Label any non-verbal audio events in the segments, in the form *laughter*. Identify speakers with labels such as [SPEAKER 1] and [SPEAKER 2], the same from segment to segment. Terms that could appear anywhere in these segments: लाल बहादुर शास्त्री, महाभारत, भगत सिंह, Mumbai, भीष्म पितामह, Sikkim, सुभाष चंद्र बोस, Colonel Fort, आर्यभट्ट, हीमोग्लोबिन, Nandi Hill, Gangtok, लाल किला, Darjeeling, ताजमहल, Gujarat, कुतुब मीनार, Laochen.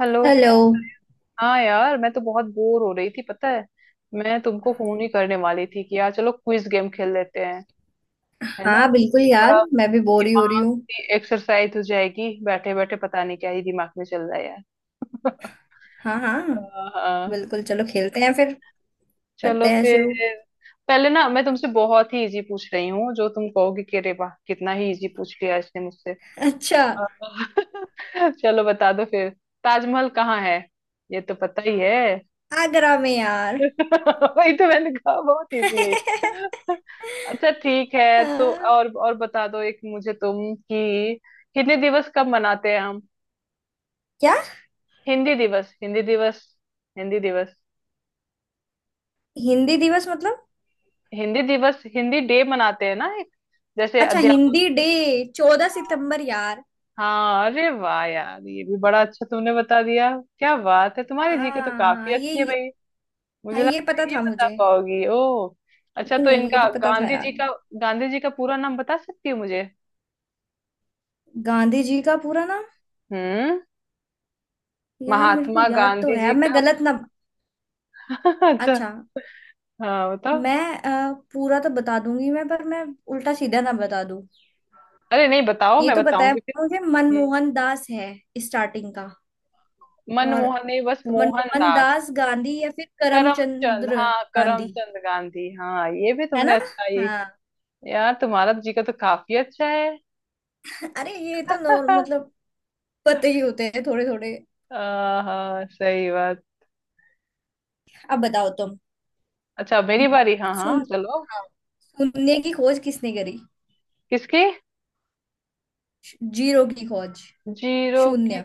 [SPEAKER 1] Hello? क्या
[SPEAKER 2] hello.
[SPEAKER 1] हाँ यार, मैं तो बहुत बोर हो रही थी, पता है। मैं तुमको फोन ही करने वाली थी कि यार चलो क्विज गेम खेल लेते हैं। है ना?
[SPEAKER 2] हाँ बिल्कुल
[SPEAKER 1] थोड़ा
[SPEAKER 2] यार, मैं भी बोर ही हो रही
[SPEAKER 1] दिमाग
[SPEAKER 2] हूँ।
[SPEAKER 1] की एक्सरसाइज हो जाएगी। बैठे बैठे पता नहीं क्या ही दिमाग में चल रहा है यार।
[SPEAKER 2] हाँ हाँ,
[SPEAKER 1] *laughs* हाँ हाँ।
[SPEAKER 2] बिल्कुल चलो खेलते हैं फिर,
[SPEAKER 1] चलो
[SPEAKER 2] करते हैं
[SPEAKER 1] फिर।
[SPEAKER 2] शुरू।
[SPEAKER 1] पहले ना मैं तुमसे बहुत ही इजी पूछ रही हूँ, जो तुम कहोगे कि अरे वाह, कितना ही इजी पूछ लिया इसने मुझसे।
[SPEAKER 2] अच्छा,
[SPEAKER 1] हाँ। *laughs* चलो बता दो फिर। ताजमहल कहाँ है? ये तो पता ही है।
[SPEAKER 2] आगरा में यार।
[SPEAKER 1] *laughs* वही तो मैंने कहा, बहुत इजी है ये। अच्छा ठीक है तो
[SPEAKER 2] हाँ,
[SPEAKER 1] और बता दो एक मुझे तुम, कि हिंदी दिवस कब मनाते हैं हम?
[SPEAKER 2] क्या?
[SPEAKER 1] हिंदी दिवस। हिंदी दिवस।
[SPEAKER 2] हिंदी दिवस मतलब?
[SPEAKER 1] हिंदी दिवस हिंदी डे मनाते हैं ना एक, जैसे
[SPEAKER 2] अच्छा
[SPEAKER 1] अध्यापक।
[SPEAKER 2] हिंदी डे, 14 सितंबर यार।
[SPEAKER 1] हाँ, अरे वाह यार, ये भी बड़ा अच्छा तुमने बता दिया। क्या बात है, तुम्हारी
[SPEAKER 2] हाँ
[SPEAKER 1] जीके तो काफी
[SPEAKER 2] हाँ,
[SPEAKER 1] अच्छी है भाई।
[SPEAKER 2] हाँ
[SPEAKER 1] मुझे
[SPEAKER 2] ये
[SPEAKER 1] लगा
[SPEAKER 2] पता
[SPEAKER 1] ये
[SPEAKER 2] था
[SPEAKER 1] बता
[SPEAKER 2] मुझे।
[SPEAKER 1] पाओगी ओ। अच्छा,
[SPEAKER 2] नहीं
[SPEAKER 1] तो
[SPEAKER 2] नहीं, ये
[SPEAKER 1] इनका
[SPEAKER 2] तो पता था
[SPEAKER 1] गांधी
[SPEAKER 2] यार।
[SPEAKER 1] जी का, गांधी जी का पूरा नाम बता सकती हो मुझे?
[SPEAKER 2] गांधी जी का पूरा नाम?
[SPEAKER 1] हम्म।
[SPEAKER 2] यार, मेरे को
[SPEAKER 1] महात्मा
[SPEAKER 2] याद तो
[SPEAKER 1] गांधी
[SPEAKER 2] है,
[SPEAKER 1] जी
[SPEAKER 2] अब मैं
[SPEAKER 1] का।
[SPEAKER 2] गलत ना?
[SPEAKER 1] *laughs* अच्छा,
[SPEAKER 2] अच्छा,
[SPEAKER 1] हाँ बताओ।
[SPEAKER 2] मैं पूरा तो बता दूंगी मैं, पर मैं उल्टा सीधा ना बता दूं।
[SPEAKER 1] अरे नहीं बताओ,
[SPEAKER 2] ये
[SPEAKER 1] मैं
[SPEAKER 2] तो बताया
[SPEAKER 1] बताऊंगी फिर।
[SPEAKER 2] मुझे,
[SPEAKER 1] हम्म,
[SPEAKER 2] मनमोहन दास है, स्टार्टिंग का। और
[SPEAKER 1] मनमोहन नहीं, बस
[SPEAKER 2] मनमोहन
[SPEAKER 1] मोहनदास।
[SPEAKER 2] दास गांधी या फिर
[SPEAKER 1] करमचंद,
[SPEAKER 2] करमचंद्र
[SPEAKER 1] हाँ
[SPEAKER 2] गांधी,
[SPEAKER 1] करमचंद गांधी, हाँ ये भी
[SPEAKER 2] है
[SPEAKER 1] तुमने
[SPEAKER 2] ना?
[SPEAKER 1] अच्छा ही।
[SPEAKER 2] हाँ,
[SPEAKER 1] यार तुम्हारा जीके तो काफी अच्छा है।
[SPEAKER 2] अरे ये तो नॉर
[SPEAKER 1] *laughs*
[SPEAKER 2] मतलब, पते ही होते हैं थोड़े थोड़े।
[SPEAKER 1] हाँ सही बात।
[SPEAKER 2] अब बताओ तुम,
[SPEAKER 1] अच्छा मेरी बारी, हाँ हाँ
[SPEAKER 2] सुन,
[SPEAKER 1] चलो।
[SPEAKER 2] हाँ, शून्य की खोज किसने करी?
[SPEAKER 1] किसकी?
[SPEAKER 2] जीरो की खोज,
[SPEAKER 1] जीरो की?
[SPEAKER 2] शून्य,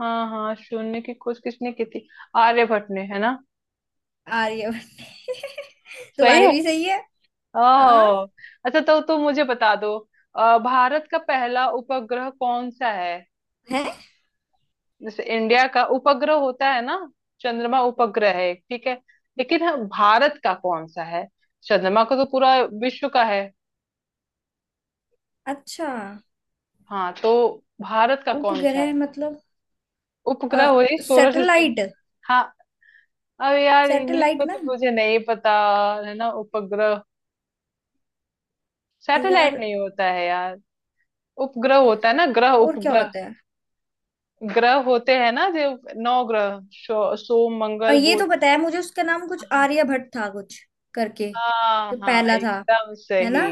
[SPEAKER 1] हाँ हाँ, शून्य की खोज किसने की थी, आर्यभट्ट ने, है ना?
[SPEAKER 2] आर्यभट्ट *laughs*
[SPEAKER 1] सही
[SPEAKER 2] तुम्हारे
[SPEAKER 1] है।
[SPEAKER 2] भी सही है। हाँ,
[SPEAKER 1] ओह, अच्छा तो तुम मुझे बता दो, भारत का पहला उपग्रह कौन सा है?
[SPEAKER 2] है
[SPEAKER 1] जैसे इंडिया का उपग्रह होता है ना, चंद्रमा उपग्रह है एक, ठीक है, लेकिन हाँ, भारत का कौन सा है? चंद्रमा का तो पूरा विश्व का है।
[SPEAKER 2] अच्छा।
[SPEAKER 1] हाँ तो भारत का कौन सा
[SPEAKER 2] उपग्रह
[SPEAKER 1] है?
[SPEAKER 2] मतलब
[SPEAKER 1] उपग्रह, वही सोलर सिस्टम।
[SPEAKER 2] सैटेलाइट।
[SPEAKER 1] हाँ, अब यार इंग्लिश
[SPEAKER 2] सैटेलाइट
[SPEAKER 1] में
[SPEAKER 2] ना
[SPEAKER 1] तो मुझे नहीं पता। है ना उपग्रह, सैटेलाइट
[SPEAKER 2] यार,
[SPEAKER 1] नहीं होता है यार, उपग्रह होता है ना, ग्रह
[SPEAKER 2] और क्या
[SPEAKER 1] उपग्रह।
[SPEAKER 2] होता है?
[SPEAKER 1] ग्रह होते हैं ना जो, नौ ग्रह, सोम
[SPEAKER 2] और
[SPEAKER 1] मंगल
[SPEAKER 2] ये
[SPEAKER 1] बुध।
[SPEAKER 2] तो बताया मुझे, उसका नाम कुछ आर्यभट्ट था कुछ करके,
[SPEAKER 1] हाँ
[SPEAKER 2] जो
[SPEAKER 1] हाँ
[SPEAKER 2] पहला था,
[SPEAKER 1] एकदम
[SPEAKER 2] है ना?
[SPEAKER 1] सही।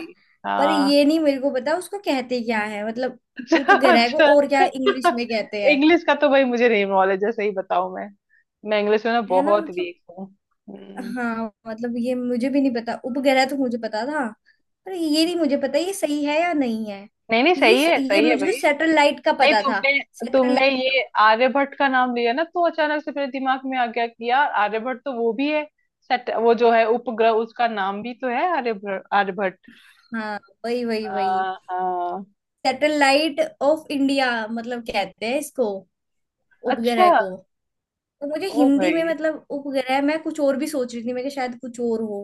[SPEAKER 2] पर
[SPEAKER 1] हाँ।
[SPEAKER 2] ये नहीं मेरे को पता, उसको कहते क्या है मतलब,
[SPEAKER 1] अच्छा
[SPEAKER 2] उपग्रह को
[SPEAKER 1] अच्छा,
[SPEAKER 2] और क्या इंग्लिश में कहते हैं?
[SPEAKER 1] इंग्लिश का तो भाई मुझे नहीं नॉलेज है, सही बताऊं मैं इंग्लिश में ना
[SPEAKER 2] है ना
[SPEAKER 1] बहुत
[SPEAKER 2] मतलब।
[SPEAKER 1] वीक हूँ। हम्म,
[SPEAKER 2] हाँ मतलब, ये मुझे भी नहीं पता, उपग्रह तो मुझे पता था, पर ये नहीं मुझे पता ये सही है या नहीं है।
[SPEAKER 1] नहीं नहीं
[SPEAKER 2] ये
[SPEAKER 1] सही है
[SPEAKER 2] ये
[SPEAKER 1] सही है भाई।
[SPEAKER 2] मुझको सैटेलाइट का
[SPEAKER 1] नहीं
[SPEAKER 2] पता था।
[SPEAKER 1] तुमने तुमने
[SPEAKER 2] सैटेलाइट का,
[SPEAKER 1] ये आर्यभट्ट का नाम लिया ना, तो अचानक से मेरे दिमाग में आ गया कि यार, आर्यभट्ट तो वो भी है। वो जो है उपग्रह, उसका नाम भी तो है आर्यभट्ट, आर्यभट्ट।
[SPEAKER 2] हाँ वही वही वही।
[SPEAKER 1] हाँ हाँ।
[SPEAKER 2] सैटेलाइट ऑफ इंडिया मतलब कहते हैं इसको,
[SPEAKER 1] अच्छा।
[SPEAKER 2] उपग्रह को। तो मुझे
[SPEAKER 1] ओ
[SPEAKER 2] हिंदी में
[SPEAKER 1] भाई,
[SPEAKER 2] मतलब उप गया है, मैं कुछ और भी सोच रही थी मैं कि शायद कुछ और हो।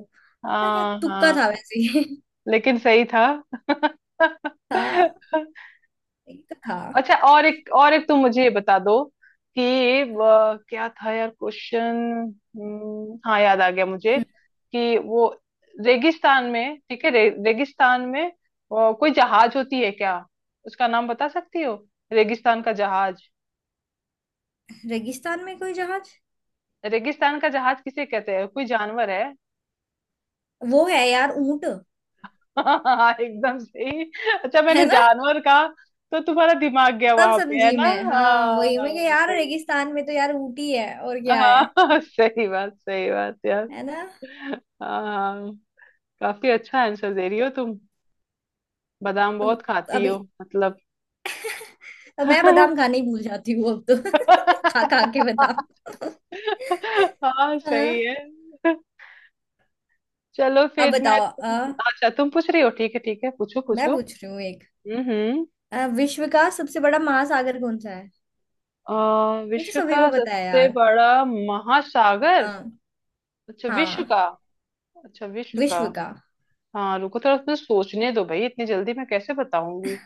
[SPEAKER 2] तो मैं, क्या
[SPEAKER 1] हाँ
[SPEAKER 2] तुक्का
[SPEAKER 1] हाँ।
[SPEAKER 2] था वैसे ही।
[SPEAKER 1] लेकिन सही था। *laughs*
[SPEAKER 2] *laughs* हाँ, यही तो था।
[SPEAKER 1] अच्छा, और एक तुम मुझे ये बता दो कि, क्या था यार क्वेश्चन। हाँ याद आ गया मुझे,
[SPEAKER 2] हम्म,
[SPEAKER 1] कि वो रेगिस्तान में, ठीक है, रेगिस्तान में कोई जहाज होती है क्या? उसका नाम बता सकती हो, रेगिस्तान का जहाज?
[SPEAKER 2] रेगिस्तान में कोई जहाज?
[SPEAKER 1] रेगिस्तान का जहाज किसे कहते हैं, कोई जानवर है?
[SPEAKER 2] वो है यार, ऊंट।
[SPEAKER 1] *laughs* हाँ एकदम सही। अच्छा,
[SPEAKER 2] है
[SPEAKER 1] मैंने
[SPEAKER 2] ना,
[SPEAKER 1] जानवर का, तो तुम्हारा दिमाग गया
[SPEAKER 2] तब
[SPEAKER 1] वहां पे, है
[SPEAKER 2] समझी
[SPEAKER 1] ना?
[SPEAKER 2] मैं। हाँ
[SPEAKER 1] हाँ
[SPEAKER 2] वही मैं कि
[SPEAKER 1] हाँ,
[SPEAKER 2] यार
[SPEAKER 1] सही।
[SPEAKER 2] रेगिस्तान में तो यार ऊंट ही है, और क्या है?
[SPEAKER 1] हाँ *laughs* सही बात, सही बात यार।
[SPEAKER 2] है ना।
[SPEAKER 1] हाँ, काफी अच्छा आंसर दे रही हो तुम, बादाम
[SPEAKER 2] अब,
[SPEAKER 1] बहुत खाती
[SPEAKER 2] अभी,
[SPEAKER 1] हो मतलब।
[SPEAKER 2] अब मैं बादाम
[SPEAKER 1] *laughs*
[SPEAKER 2] खाने ही भूल जाती हूँ अब तो। *laughs* खा खा के बादाम। *laughs*
[SPEAKER 1] हाँ
[SPEAKER 2] हाँ।
[SPEAKER 1] सही है। चलो
[SPEAKER 2] अब
[SPEAKER 1] फिर मैं
[SPEAKER 2] बताओ
[SPEAKER 1] तुम, अच्छा तुम पूछ रही हो, ठीक है ठीक है, पूछो
[SPEAKER 2] मैं
[SPEAKER 1] पूछो।
[SPEAKER 2] पूछ रही हूँ एक,
[SPEAKER 1] हम्म हम्म।
[SPEAKER 2] विश्व का सबसे बड़ा महासागर कौन सा है? ये तो
[SPEAKER 1] विश्व
[SPEAKER 2] सभी को
[SPEAKER 1] का
[SPEAKER 2] पता है
[SPEAKER 1] सबसे
[SPEAKER 2] यार।
[SPEAKER 1] बड़ा महासागर।
[SPEAKER 2] हाँ
[SPEAKER 1] अच्छा विश्व
[SPEAKER 2] हाँ,
[SPEAKER 1] का, अच्छा विश्व का।
[SPEAKER 2] विश्व का,
[SPEAKER 1] हाँ रुको, थोड़ा मुझे सोचने दो भाई, इतनी जल्दी मैं कैसे बताऊंगी।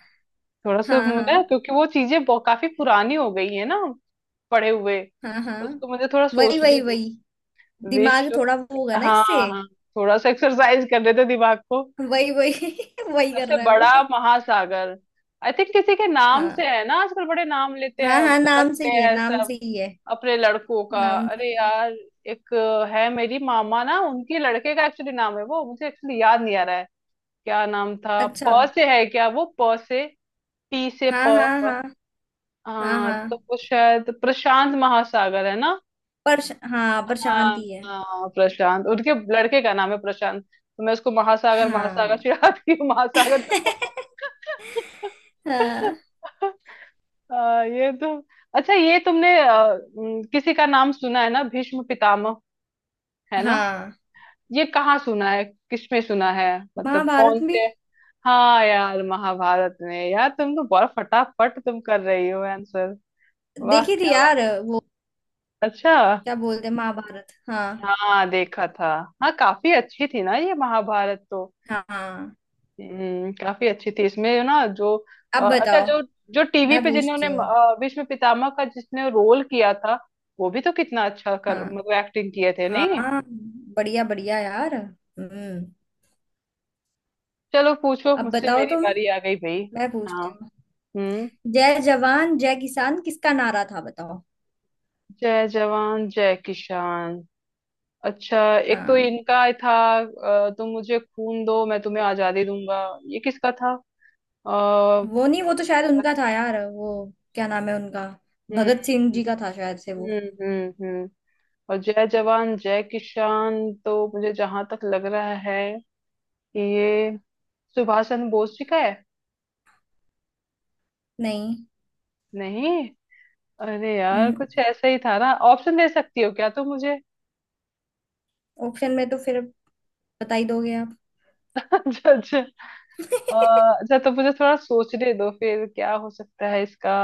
[SPEAKER 1] थोड़ा सा
[SPEAKER 2] हाँ
[SPEAKER 1] मुझे ना,
[SPEAKER 2] हाँ
[SPEAKER 1] क्योंकि वो चीजें काफी पुरानी हो गई है ना पढ़े हुए,
[SPEAKER 2] हाँ। हाँ
[SPEAKER 1] तो उसको मुझे थोड़ा
[SPEAKER 2] वही वही
[SPEAKER 1] सोचने दो।
[SPEAKER 2] वही, दिमाग
[SPEAKER 1] विश्व।
[SPEAKER 2] थोड़ा वो होगा ना
[SPEAKER 1] हाँ
[SPEAKER 2] इससे।
[SPEAKER 1] हाँ। थोड़ा सा एक्सरसाइज करने दो दिमाग को।
[SPEAKER 2] वही वही *laughs* वही कर
[SPEAKER 1] सबसे
[SPEAKER 2] रहा है वो।
[SPEAKER 1] बड़ा महासागर। आई थिंक किसी के नाम
[SPEAKER 2] हाँ
[SPEAKER 1] से है ना, आजकल बड़े नाम लेते
[SPEAKER 2] हाँ,
[SPEAKER 1] हैं,
[SPEAKER 2] हाँ
[SPEAKER 1] मतलब
[SPEAKER 2] नाम से
[SPEAKER 1] रखते
[SPEAKER 2] ही है,
[SPEAKER 1] हैं
[SPEAKER 2] नाम
[SPEAKER 1] सब
[SPEAKER 2] से ही है,
[SPEAKER 1] अपने लड़कों का।
[SPEAKER 2] नाम से
[SPEAKER 1] अरे
[SPEAKER 2] ही।
[SPEAKER 1] यार एक है, मेरी मामा ना, उनके लड़के का एक्चुअली नाम है, वो मुझे एक्चुअली याद नहीं आ रहा है। क्या नाम था,
[SPEAKER 2] अच्छा,
[SPEAKER 1] प से है क्या वो, प से? टी से प।
[SPEAKER 2] हाँ हाँ
[SPEAKER 1] प-
[SPEAKER 2] हाँ। हाँ
[SPEAKER 1] हाँ, तो
[SPEAKER 2] हाँ
[SPEAKER 1] वो शायद प्रशांत महासागर है ना।
[SPEAKER 2] पर, हाँ पर
[SPEAKER 1] हाँ
[SPEAKER 2] शांति है।
[SPEAKER 1] हाँ, प्रशांत, उनके लड़के का नाम है प्रशांत, तो मैं उसको महासागर महासागर
[SPEAKER 2] हाँ
[SPEAKER 1] चिढ़ाती हूँ। *laughs* महासागर
[SPEAKER 2] *laughs*
[SPEAKER 1] तो।
[SPEAKER 2] हाँ
[SPEAKER 1] आ, ये तो, अच्छा ये तुमने किसी का नाम सुना है ना, भीष्म पितामह? है ना?
[SPEAKER 2] हाँ।
[SPEAKER 1] ये कहाँ सुना है? किसमें सुना है, मतलब कौन
[SPEAKER 2] महाभारत में
[SPEAKER 1] से? हाँ यार, महाभारत में। यार तुम तो बहुत फटाफट तुम कर रही हो आंसर, वाह
[SPEAKER 2] देखी थी
[SPEAKER 1] क्या बात।
[SPEAKER 2] यार वो,
[SPEAKER 1] अच्छा।
[SPEAKER 2] क्या बोलते हैं, महाभारत हाँ।
[SPEAKER 1] हाँ देखा था। हाँ काफी अच्छी थी ना ये महाभारत तो।
[SPEAKER 2] हाँ हाँ।
[SPEAKER 1] हम्म, काफी अच्छी थी, इसमें ना जो,
[SPEAKER 2] अब
[SPEAKER 1] अच्छा
[SPEAKER 2] बताओ,
[SPEAKER 1] जो, जो टीवी
[SPEAKER 2] मैं
[SPEAKER 1] पे
[SPEAKER 2] पूछती
[SPEAKER 1] जिन्होंने
[SPEAKER 2] हूँ।
[SPEAKER 1] भीष्म पितामह का जिसने रोल किया था, वो भी तो कितना अच्छा कर
[SPEAKER 2] हाँ
[SPEAKER 1] मतलब एक्टिंग किए थे नहीं।
[SPEAKER 2] हाँ, बढ़िया बढ़िया यार, हम्म।
[SPEAKER 1] चलो पूछो
[SPEAKER 2] अब
[SPEAKER 1] मुझसे,
[SPEAKER 2] बताओ
[SPEAKER 1] मेरी
[SPEAKER 2] तुम,
[SPEAKER 1] बारी आ गई भाई।
[SPEAKER 2] मैं
[SPEAKER 1] हाँ।
[SPEAKER 2] पूछती हूँ।
[SPEAKER 1] हम्म।
[SPEAKER 2] जय जवान जय किसान किसका नारा था, बताओ।
[SPEAKER 1] जय जवान जय किसान। अच्छा, एक तो
[SPEAKER 2] हाँ,
[SPEAKER 1] इनका था, तुम मुझे खून दो मैं तुम्हें आजादी दूंगा, ये किसका था?
[SPEAKER 2] वो नहीं, वो तो शायद उनका था यार वो, क्या नाम है उनका,
[SPEAKER 1] हम्म
[SPEAKER 2] भगत सिंह जी का था शायद से
[SPEAKER 1] हम्म
[SPEAKER 2] वो।
[SPEAKER 1] हम्म हम्म। और जय जवान जय किसान, तो मुझे जहां तक लग रहा है कि ये सुभाष चंद्र बोस जी का है।
[SPEAKER 2] नहीं,
[SPEAKER 1] नहीं? अरे यार कुछ ऐसा ही था ना, ऑप्शन दे सकती हो क्या तुम मुझे?
[SPEAKER 2] ऑप्शन में तो फिर बता ही दोगे आप।
[SPEAKER 1] *laughs* अच्छा अच्छा, अच्छा तो मुझे थोड़ा सोचने दो फिर क्या हो सकता है इसका।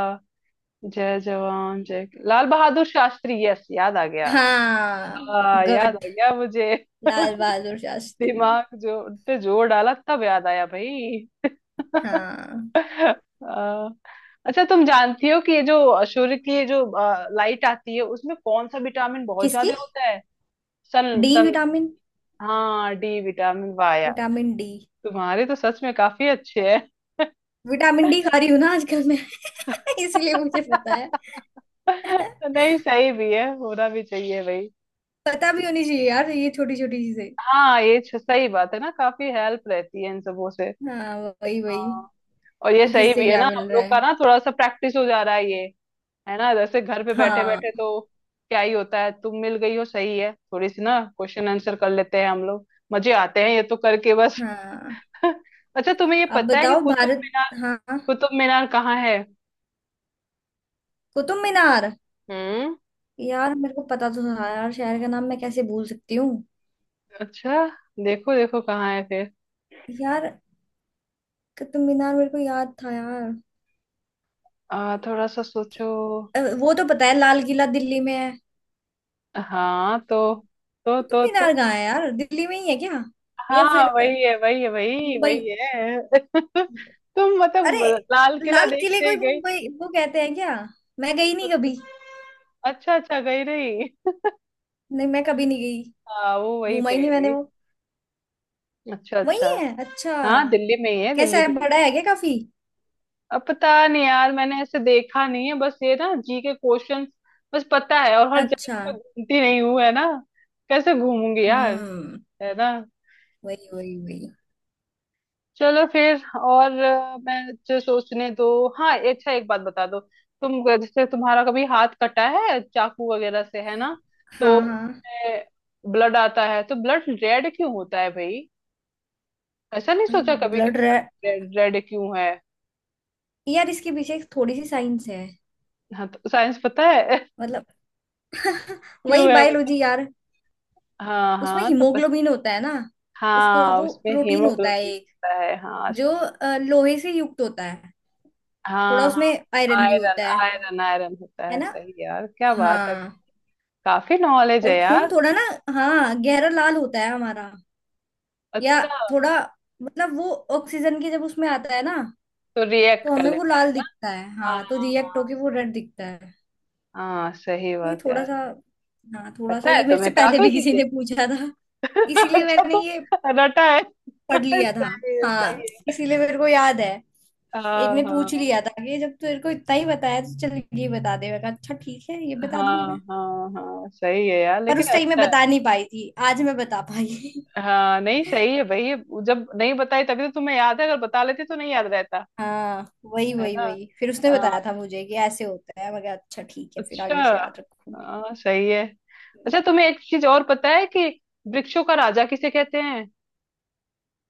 [SPEAKER 1] जय जवान जय लाल बहादुर शास्त्री, यस याद आ गया।
[SPEAKER 2] हाँ
[SPEAKER 1] आ, याद आ
[SPEAKER 2] गुड,
[SPEAKER 1] गया मुझे।
[SPEAKER 2] लाल
[SPEAKER 1] *laughs*
[SPEAKER 2] बहादुर शास्त्री।
[SPEAKER 1] दिमाग जो उन पे जोर डाला तब याद आया भाई।
[SPEAKER 2] हाँ
[SPEAKER 1] *laughs* आ, अच्छा तुम जानती हो कि ये जो सूर्य की ये जो लाइट आती है, उसमें कौन सा विटामिन बहुत
[SPEAKER 2] किसकी?
[SPEAKER 1] ज्यादा होता है? Sun
[SPEAKER 2] D
[SPEAKER 1] sun.
[SPEAKER 2] विटामिन,
[SPEAKER 1] हाँ डी विटामिन, वाह यार,
[SPEAKER 2] विटामिन डी।
[SPEAKER 1] तुम्हारे तो सच में काफी अच्छे हैं।
[SPEAKER 2] विटामिन डी खा रही हूँ ना आजकल मैं *laughs* इसलिए मुझे पता है।
[SPEAKER 1] *laughs*
[SPEAKER 2] *laughs*
[SPEAKER 1] नहीं सही भी है, होना भी चाहिए भाई।
[SPEAKER 2] पता भी होनी चाहिए यार, ये छोटी छोटी चीजें।
[SPEAKER 1] हाँ, ये सही बात है ना, काफी हेल्प रहती है इन सबों से।
[SPEAKER 2] हाँ वही वही,
[SPEAKER 1] हाँ, और ये
[SPEAKER 2] कि
[SPEAKER 1] सही
[SPEAKER 2] किससे
[SPEAKER 1] भी है
[SPEAKER 2] क्या
[SPEAKER 1] ना,
[SPEAKER 2] मिल
[SPEAKER 1] हम
[SPEAKER 2] रहा
[SPEAKER 1] लोग का
[SPEAKER 2] है।
[SPEAKER 1] ना थोड़ा सा प्रैक्टिस हो जा रहा है ये, है ना, जैसे घर पे बैठे बैठे
[SPEAKER 2] हाँ
[SPEAKER 1] तो क्या ही होता है। तुम मिल गई हो, सही है, थोड़ी सी ना क्वेश्चन आंसर कर लेते हैं हम लोग, मजे आते हैं, ये तो करके बस।
[SPEAKER 2] हाँ।
[SPEAKER 1] *laughs* अच्छा तुम्हें ये
[SPEAKER 2] अब
[SPEAKER 1] पता है कि
[SPEAKER 2] बताओ
[SPEAKER 1] कुतुब,
[SPEAKER 2] भारत, हाँ,
[SPEAKER 1] कुतुब मीनार कहाँ है?
[SPEAKER 2] कुतुब मीनार।
[SPEAKER 1] हम्म।
[SPEAKER 2] यार मेरे को पता तो था यार, शहर का नाम मैं कैसे भूल सकती हूँ?
[SPEAKER 1] अच्छा, देखो देखो कहाँ है फिर।
[SPEAKER 2] यार, कुतुब मीनार मेरे को याद था यार।
[SPEAKER 1] आ, थोड़ा सा सोचो।
[SPEAKER 2] वो तो पता है लाल किला दिल्ली में है।
[SPEAKER 1] हाँ तो तो
[SPEAKER 2] कुतुब
[SPEAKER 1] तो तो।
[SPEAKER 2] मीनार कहाँ है यार, दिल्ली में ही है क्या? या फिर
[SPEAKER 1] हाँ वही है वही है, वही
[SPEAKER 2] मुंबई?
[SPEAKER 1] वही है *laughs* तुम
[SPEAKER 2] अरे,
[SPEAKER 1] मतलब लाल किला
[SPEAKER 2] लाल किले
[SPEAKER 1] देखते
[SPEAKER 2] को
[SPEAKER 1] ही
[SPEAKER 2] ही
[SPEAKER 1] गई।
[SPEAKER 2] मुंबई वो कहते हैं क्या? मैं गई नहीं कभी।
[SPEAKER 1] अच्छा अच्छा, गई रही।
[SPEAKER 2] नहीं, मैं कभी नहीं गई,
[SPEAKER 1] *laughs* हाँ वो वही
[SPEAKER 2] घूमा
[SPEAKER 1] पे
[SPEAKER 2] ही नहीं मैंने
[SPEAKER 1] है।
[SPEAKER 2] वो।
[SPEAKER 1] अच्छा
[SPEAKER 2] वही
[SPEAKER 1] अच्छा।
[SPEAKER 2] है, अच्छा।
[SPEAKER 1] हाँ दिल्ली में ही है,
[SPEAKER 2] कैसा
[SPEAKER 1] दिल्ली
[SPEAKER 2] है,
[SPEAKER 1] में ही है।
[SPEAKER 2] बड़ा है क्या काफी?
[SPEAKER 1] अब पता नहीं यार, मैंने ऐसे देखा नहीं है, बस ये ना जी के क्वेश्चन बस पता है, और हर जगह
[SPEAKER 2] अच्छा,
[SPEAKER 1] तो मैं घूमती नहीं हूँ है ना, कैसे घूमूंगी यार,
[SPEAKER 2] हम्म,
[SPEAKER 1] है ना।
[SPEAKER 2] वही वही वही।
[SPEAKER 1] चलो फिर, और मैं जो सोचने दो। हाँ, अच्छा एक बात बता दो, तुम जैसे तुम्हारा कभी हाथ कटा है चाकू वगैरह से, है ना, तो
[SPEAKER 2] हाँ हाँ,
[SPEAKER 1] ब्लड आता है, तो ब्लड रेड क्यों होता है भाई? ऐसा नहीं सोचा कभी कि
[SPEAKER 2] ब्लड रेड?
[SPEAKER 1] ब्लड रेड क्यों है?
[SPEAKER 2] यार इसके पीछे एक थोड़ी सी साइंस है,
[SPEAKER 1] हाँ तो साइंस पता है
[SPEAKER 2] मतलब। *laughs*
[SPEAKER 1] क्यों
[SPEAKER 2] वही
[SPEAKER 1] है, बता।
[SPEAKER 2] बायोलॉजी यार।
[SPEAKER 1] हाँ
[SPEAKER 2] उसमें
[SPEAKER 1] हाँ तो
[SPEAKER 2] हीमोग्लोबिन होता है ना, उसको
[SPEAKER 1] हाँ,
[SPEAKER 2] वो
[SPEAKER 1] उसमें
[SPEAKER 2] प्रोटीन होता है
[SPEAKER 1] हीमोग्लोबिन
[SPEAKER 2] एक,
[SPEAKER 1] होता है, हाँ
[SPEAKER 2] जो
[SPEAKER 1] सही।
[SPEAKER 2] लोहे से युक्त होता है, थोड़ा
[SPEAKER 1] हाँ
[SPEAKER 2] उसमें
[SPEAKER 1] हाँ,
[SPEAKER 2] आयरन भी
[SPEAKER 1] आयरन
[SPEAKER 2] होता है
[SPEAKER 1] आयरन आयरन होता
[SPEAKER 2] है
[SPEAKER 1] है,
[SPEAKER 2] ना?
[SPEAKER 1] सही यार, क्या बात है।
[SPEAKER 2] हाँ।
[SPEAKER 1] काफी नॉलेज
[SPEAKER 2] और
[SPEAKER 1] है
[SPEAKER 2] खून
[SPEAKER 1] यार।
[SPEAKER 2] थोड़ा ना, हाँ गहरा लाल होता है हमारा, या
[SPEAKER 1] अच्छा,
[SPEAKER 2] थोड़ा, मतलब वो ऑक्सीजन के जब उसमें आता है ना,
[SPEAKER 1] तो रिएक्ट
[SPEAKER 2] तो
[SPEAKER 1] कर
[SPEAKER 2] हमें वो
[SPEAKER 1] लेता है।
[SPEAKER 2] लाल दिखता है,
[SPEAKER 1] हाँ
[SPEAKER 2] हाँ तो रिएक्ट
[SPEAKER 1] हाँ।
[SPEAKER 2] होके वो रेड दिखता है।
[SPEAKER 1] हाँ हाँ, सही
[SPEAKER 2] तो ये
[SPEAKER 1] बात
[SPEAKER 2] थोड़ा
[SPEAKER 1] यार।
[SPEAKER 2] सा, हाँ थोड़ा सा
[SPEAKER 1] पता है
[SPEAKER 2] ये, मेरे से
[SPEAKER 1] तुम्हें
[SPEAKER 2] पहले
[SPEAKER 1] काफी
[SPEAKER 2] भी किसी
[SPEAKER 1] चीजें।
[SPEAKER 2] ने पूछा था,
[SPEAKER 1] *laughs*
[SPEAKER 2] इसीलिए
[SPEAKER 1] अच्छा
[SPEAKER 2] मैंने
[SPEAKER 1] तो
[SPEAKER 2] ये
[SPEAKER 1] रटा है। *laughs*
[SPEAKER 2] पढ़ लिया था,
[SPEAKER 1] सही है
[SPEAKER 2] हाँ
[SPEAKER 1] सही है।
[SPEAKER 2] इसीलिए मेरे को याद है। एक
[SPEAKER 1] हाँ
[SPEAKER 2] ने पूछ ही
[SPEAKER 1] हाँ।
[SPEAKER 2] लिया था कि जब तेरे को इतना ही बताया तो चल ये बता दे, मैं कहा अच्छा ठीक है, ये बता दूंगी
[SPEAKER 1] हाँ
[SPEAKER 2] मैं,
[SPEAKER 1] हाँ हाँ, सही है यार,
[SPEAKER 2] पर
[SPEAKER 1] लेकिन
[SPEAKER 2] उस टाइम मैं
[SPEAKER 1] अच्छा है।
[SPEAKER 2] बता नहीं पाई थी, आज मैं बता पाई।
[SPEAKER 1] हाँ नहीं, सही है भाई। जब नहीं बताई तभी तो तुम्हें याद है, अगर बता लेती तो नहीं याद रहता।
[SPEAKER 2] *laughs* हाँ वही
[SPEAKER 1] है
[SPEAKER 2] वही
[SPEAKER 1] ना?
[SPEAKER 2] वही, फिर उसने
[SPEAKER 1] हाँ,
[SPEAKER 2] बताया था मुझे कि ऐसे होता है, मैं कहा अच्छा ठीक है, फिर
[SPEAKER 1] अच्छा,
[SPEAKER 2] आगे से याद रखूंगी।
[SPEAKER 1] हाँ सही है। अच्छा तुम्हें एक चीज और पता है कि वृक्षों का राजा किसे कहते हैं?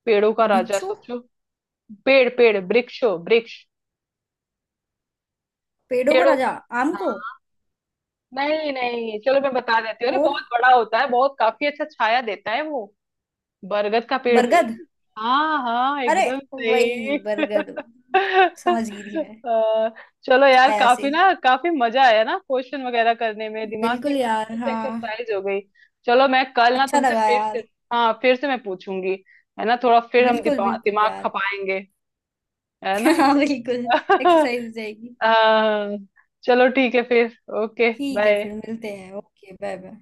[SPEAKER 1] पेड़ों का राजा,
[SPEAKER 2] बिच्छू?
[SPEAKER 1] सोचो। पेड़ पेड़, वृक्षों वृक्ष,
[SPEAKER 2] पेड़ों का
[SPEAKER 1] पेड़ों
[SPEAKER 2] राजा,
[SPEAKER 1] का।
[SPEAKER 2] आम को?
[SPEAKER 1] हाँ नहीं नहीं, चलो मैं बता देती हूँ, अरे
[SPEAKER 2] और
[SPEAKER 1] बहुत बड़ा होता है, बहुत काफी अच्छा छाया देता है वो, बरगद का पेड़ भाई।
[SPEAKER 2] बरगद,
[SPEAKER 1] हाँ हाँ
[SPEAKER 2] अरे
[SPEAKER 1] एकदम
[SPEAKER 2] वही
[SPEAKER 1] सही। *laughs*
[SPEAKER 2] बरगद,
[SPEAKER 1] *laughs*
[SPEAKER 2] समझ गई
[SPEAKER 1] अ,
[SPEAKER 2] थी मैं।
[SPEAKER 1] चलो यार,
[SPEAKER 2] छाया से,
[SPEAKER 1] काफी ना, काफी मजा आया ना क्वेश्चन वगैरह करने में, दिमाग की
[SPEAKER 2] बिल्कुल
[SPEAKER 1] एकदम
[SPEAKER 2] यार,
[SPEAKER 1] अच्छे से
[SPEAKER 2] हाँ।
[SPEAKER 1] एक्सरसाइज हो गई। चलो मैं कल ना
[SPEAKER 2] अच्छा
[SPEAKER 1] तुमसे
[SPEAKER 2] लगा
[SPEAKER 1] फिर से,
[SPEAKER 2] यार,
[SPEAKER 1] हाँ फिर से मैं पूछूंगी, है ना, थोड़ा फिर हम
[SPEAKER 2] बिल्कुल
[SPEAKER 1] दिमाग
[SPEAKER 2] बिल्कुल
[SPEAKER 1] दिमाग
[SPEAKER 2] यार।
[SPEAKER 1] खपाएंगे, है ना।
[SPEAKER 2] *laughs* हाँ बिल्कुल,
[SPEAKER 1] *laughs*
[SPEAKER 2] एक्सरसाइज हो जाएगी।
[SPEAKER 1] हाँ, चलो ठीक है फिर, ओके
[SPEAKER 2] ठीक है
[SPEAKER 1] बाय।
[SPEAKER 2] फिर, मिलते हैं, ओके बाय बाय।